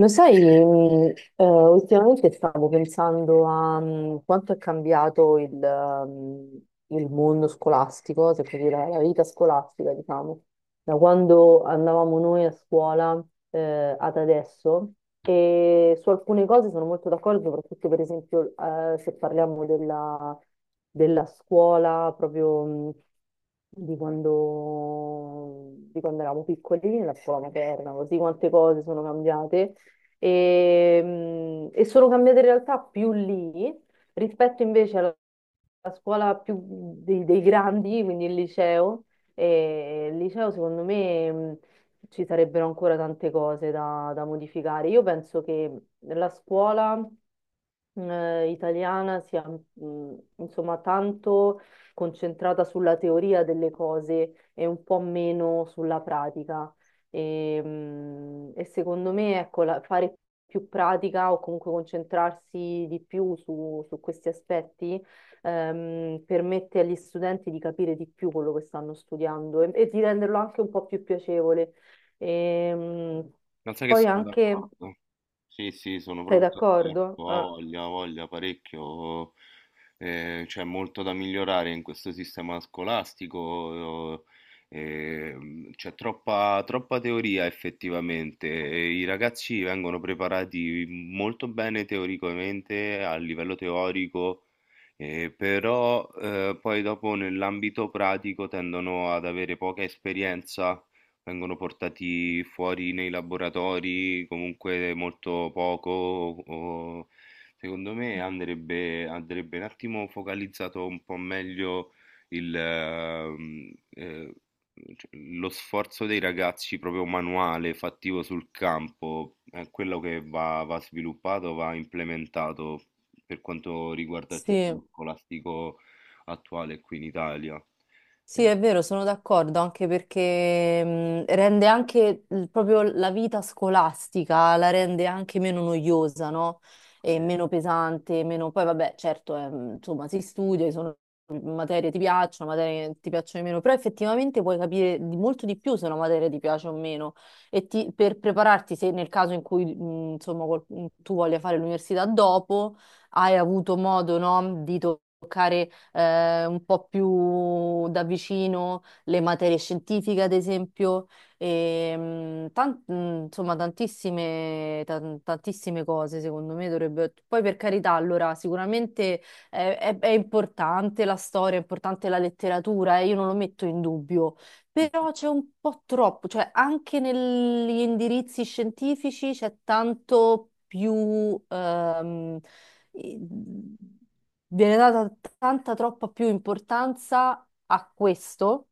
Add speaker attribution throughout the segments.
Speaker 1: Lo sai, ultimamente stavo pensando a quanto è cambiato il mondo scolastico, se così la vita scolastica, diciamo, da quando andavamo noi a scuola ad adesso. E su alcune cose sono molto d'accordo, soprattutto per esempio se parliamo della scuola proprio mh, di quando eravamo piccoli, la scuola materna, così quante cose sono cambiate e, e sono cambiate in realtà più lì rispetto invece alla scuola più dei grandi, quindi il liceo. E il liceo, secondo me, ci sarebbero ancora tante cose da modificare. Io penso che la scuola italiana sia insomma tanto concentrata sulla teoria delle cose e un po' meno sulla pratica. E secondo me, ecco, fare più pratica o comunque concentrarsi di più su questi aspetti permette agli studenti di capire di più quello che stanno studiando e di renderlo anche un po' più piacevole. E,
Speaker 2: Ma sai che
Speaker 1: poi
Speaker 2: sono
Speaker 1: anche,
Speaker 2: d'accordo? Sì, sì, sono
Speaker 1: sei
Speaker 2: proprio
Speaker 1: d'accordo?
Speaker 2: d'accordo.
Speaker 1: Ah.
Speaker 2: Ha voglia parecchio. C'è molto da migliorare in questo sistema scolastico. C'è troppa teoria effettivamente. E i ragazzi vengono preparati molto bene teoricamente, a livello teorico, però poi dopo nell'ambito pratico tendono ad avere poca esperienza, vengono portati fuori nei laboratori comunque molto poco. o- Secondo me andrebbe, andrebbe un attimo focalizzato un po' meglio il, ehm, eh, cioè, lo sforzo dei ragazzi proprio manuale, fattivo sul campo, è quello che va, va sviluppato, va implementato per quanto riguarda il
Speaker 1: Sì,
Speaker 2: sistema scolastico attuale qui in Italia.
Speaker 1: sì,
Speaker 2: Eh,
Speaker 1: è vero, sono d'accordo, anche perché rende anche proprio la vita scolastica, la rende anche meno noiosa, no? E meno pesante, Poi vabbè, certo, è, insomma, si studia, ci sono materie che ti piacciono, materie che ti piacciono di meno, però effettivamente puoi capire molto di più se una materia ti piace o meno. E per prepararti, se nel caso in cui, insomma, tu voglia fare l'università dopo, hai avuto modo, no, di toccare un po' più da vicino le materie scientifiche, ad esempio, e, insomma tantissime, tantissime cose secondo me dovrebbe... Poi per carità, allora sicuramente è importante la storia, è importante la letteratura, io non lo metto in dubbio,
Speaker 2: mm,
Speaker 1: però c'è un po' troppo, cioè anche negli indirizzi scientifici c'è tanto più, i- viene data tanta troppa più importanza a questo,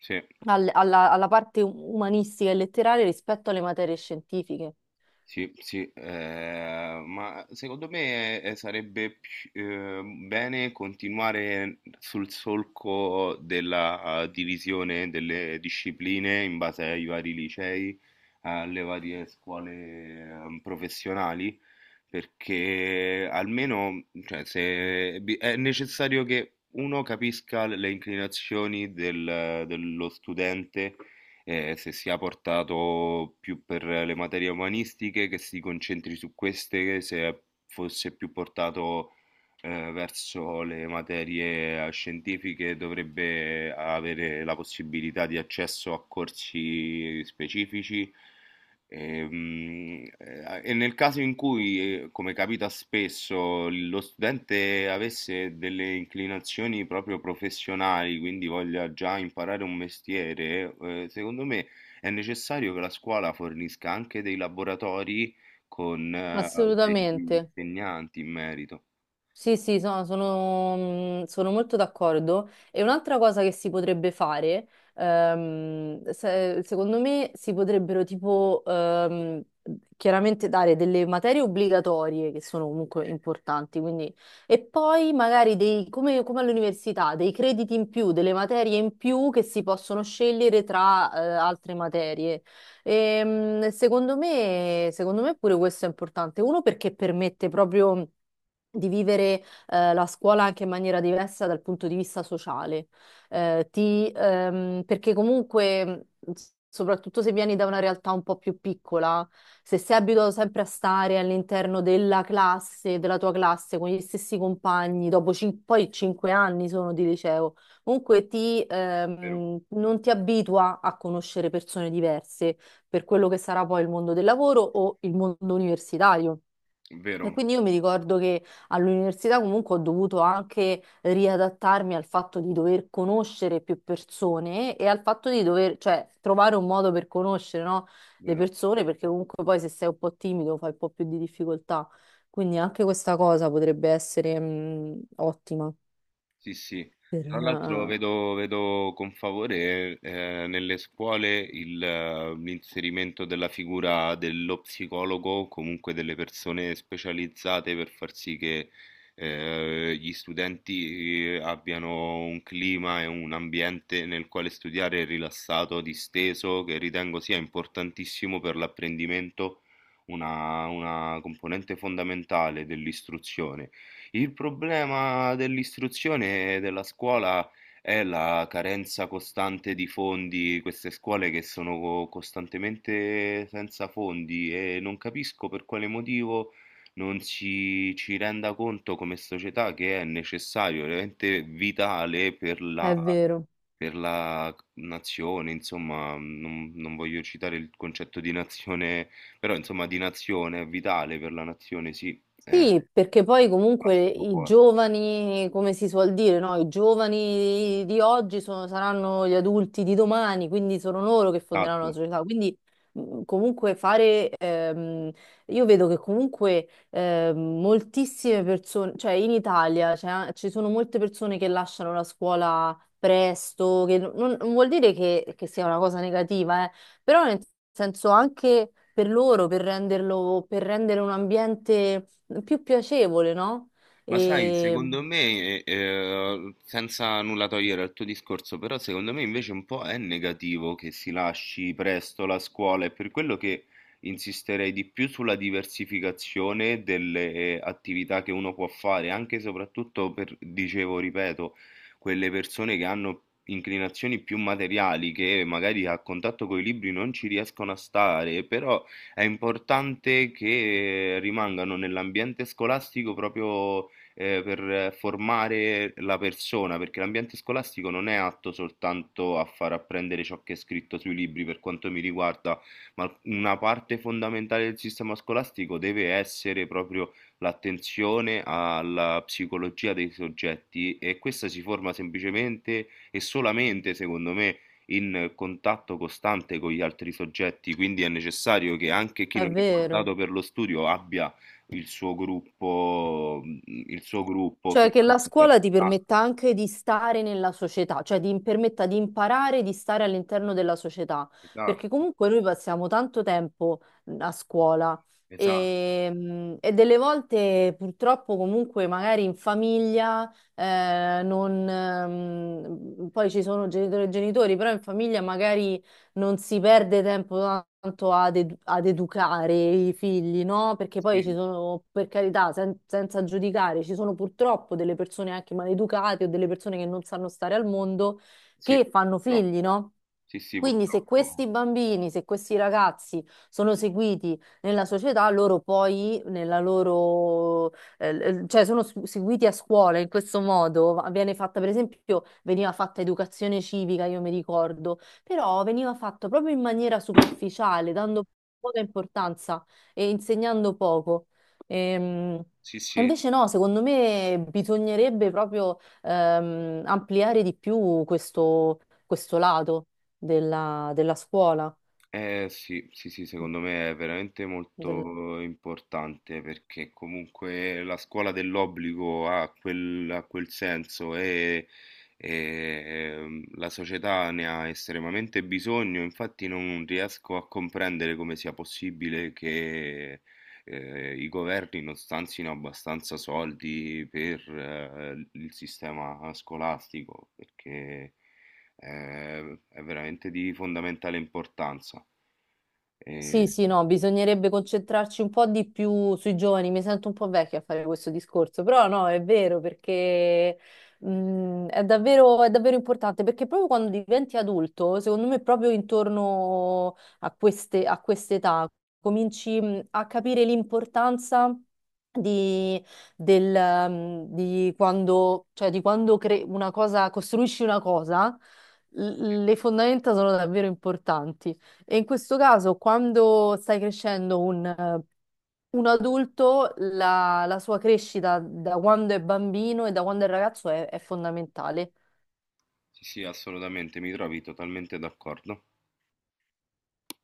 Speaker 2: sì.
Speaker 1: alla parte umanistica e letteraria rispetto alle materie scientifiche.
Speaker 2: Sì, sì, ma secondo me sarebbe bene continuare sul solco della divisione delle discipline in base ai vari licei, alle varie scuole professionali, perché almeno, cioè, se bi- è necessario che uno capisca le inclinazioni dello studente, se sia portato più per le materie umanistiche, che si concentri su queste, se fosse più portato verso le materie scientifiche, dovrebbe avere la possibilità di accesso a corsi specifici. E, nel caso in cui, come capita spesso, lo studente avesse delle inclinazioni proprio professionali, quindi voglia già imparare un mestiere, secondo me è necessario che la scuola fornisca anche dei laboratori con, degli
Speaker 1: Assolutamente.
Speaker 2: insegnanti in merito.
Speaker 1: Sì, sì, sono molto d'accordo. E un'altra cosa che si potrebbe fare, secondo me, si potrebbero tipo chiaramente dare delle materie obbligatorie che sono comunque importanti, quindi, e poi magari dei, come all'università, dei crediti in più, delle materie in più che si possono scegliere tra altre materie. Secondo me, pure questo è importante. Uno perché permette proprio di vivere la scuola anche in maniera diversa dal punto di vista sociale. Perché comunque, soprattutto se vieni da una realtà un po' più piccola, se sei abituato sempre a stare all'interno della classe, della tua classe, con gli stessi compagni, dopo poi 5 anni sono di liceo, comunque
Speaker 2: Vero,
Speaker 1: non ti abitua a conoscere persone diverse per quello che sarà poi il mondo del lavoro o il mondo universitario. E
Speaker 2: vero,
Speaker 1: quindi io mi ricordo che all'università comunque ho dovuto anche riadattarmi al fatto di dover conoscere più persone e al fatto di dover, cioè, trovare un modo per conoscere, no, le
Speaker 2: vero.
Speaker 1: persone, perché comunque poi se sei un po' timido fai un po' più di difficoltà. Quindi anche questa cosa potrebbe essere, ottima
Speaker 2: Sì, sì.
Speaker 1: per,
Speaker 2: Tra l'altro vedo, vedo con favore nelle scuole l'inserimento della figura dello psicologo, o comunque delle persone specializzate per far sì che gli studenti abbiano un clima e un ambiente nel quale studiare rilassato, disteso, che ritengo sia importantissimo per l'apprendimento, una componente fondamentale dell'istruzione. Il problema dell'istruzione e della scuola è la carenza costante di fondi, queste scuole che sono costantemente senza fondi, e non capisco per quale motivo non si ci renda conto come società che è necessario, veramente vitale
Speaker 1: è vero.
Speaker 2: per la nazione, insomma, non, non voglio citare il concetto di nazione, però insomma di nazione, è vitale per la nazione, sì.
Speaker 1: Sì, perché poi
Speaker 2: Basta
Speaker 1: comunque
Speaker 2: un po'
Speaker 1: i
Speaker 2: forte.
Speaker 1: giovani, come si suol dire, no? I giovani di oggi saranno gli adulti di domani, quindi sono loro che fonderanno la
Speaker 2: Esatto.
Speaker 1: società. Quindi comunque fare, io vedo che comunque moltissime persone, cioè in Italia ci sono molte persone che lasciano la scuola presto, che non vuol dire che sia una cosa negativa, però nel senso anche per loro, per renderlo, per rendere un ambiente più piacevole, no?
Speaker 2: Ma sai,
Speaker 1: E
Speaker 2: secondo me, senza nulla togliere al tuo discorso, però secondo me invece un po' è negativo che si lasci presto la scuola, è per quello che insisterei di più sulla diversificazione delle attività che uno può fare, anche e soprattutto per, dicevo, ripeto, quelle persone che hanno inclinazioni più materiali, che magari a contatto con i libri non ci riescono a stare, però è importante che rimangano nell'ambiente scolastico proprio, per formare la persona, perché l'ambiente scolastico non è atto soltanto a far apprendere ciò che è scritto sui libri per quanto mi riguarda, ma una parte fondamentale del sistema scolastico deve essere proprio l'attenzione alla psicologia dei soggetti, e questa si forma semplicemente e solamente, secondo me, in contatto costante con gli altri soggetti, quindi è necessario che anche chi
Speaker 1: è
Speaker 2: non è
Speaker 1: vero.
Speaker 2: portato per lo studio abbia il suo gruppo, mhmm, il suo gruppo
Speaker 1: Cioè
Speaker 2: fino
Speaker 1: che
Speaker 2: a-
Speaker 1: la scuola ti
Speaker 2: Ah,
Speaker 1: permetta anche di stare nella società, cioè ti permetta di imparare di stare all'interno della società, perché
Speaker 2: esatto,
Speaker 1: comunque noi passiamo tanto tempo a scuola
Speaker 2: esatto.
Speaker 1: e delle volte purtroppo comunque magari in famiglia non, poi ci sono genitori e genitori, però in famiglia magari non si perde tempo tanto ad educare i figli, no? Perché poi ci
Speaker 2: Sì,
Speaker 1: sono, per carità, senza giudicare, ci sono purtroppo delle persone anche maleducate o delle persone che non sanno stare al mondo
Speaker 2: sì,
Speaker 1: che fanno
Speaker 2: purtroppo.
Speaker 1: figli, no?
Speaker 2: Sì, sì,
Speaker 1: Quindi se
Speaker 2: purtroppo.
Speaker 1: questi bambini, se questi ragazzi sono seguiti nella società, loro poi nella loro, cioè sono seguiti a scuola in questo modo, viene fatta per esempio, veniva fatta educazione civica, io mi ricordo, però veniva fatto proprio in maniera superficiale, dando poca importanza e insegnando poco. Ehm,
Speaker 2: Sì,
Speaker 1: E
Speaker 2: sì.
Speaker 1: invece no, secondo me bisognerebbe proprio ampliare di più questo lato della scuola,
Speaker 2: Eh sì, sì, sì, secondo me è veramente
Speaker 1: del-
Speaker 2: molto importante perché comunque la scuola dell'obbligo ha quel senso e, la società ne ha estremamente bisogno, infatti non riesco a comprendere come sia possibile che i governi non stanzino abbastanza soldi per il sistema scolastico, perché è, è veramente di fondamentale importanza.
Speaker 1: Sì,
Speaker 2: E-
Speaker 1: sì, no, bisognerebbe concentrarci un po' di più sui giovani. Mi sento un po' vecchia a fare questo discorso, però no, è vero perché è davvero importante perché proprio quando diventi adulto, secondo me, proprio intorno a quest'età cominci a capire l'importanza di, del, di quando una cosa, costruisci una cosa, le fondamenta sono davvero importanti. E in questo caso, quando stai crescendo un adulto, la sua crescita da quando è bambino e da quando è ragazzo è fondamentale.
Speaker 2: sì, sì, assolutamente, mi trovi totalmente d'accordo.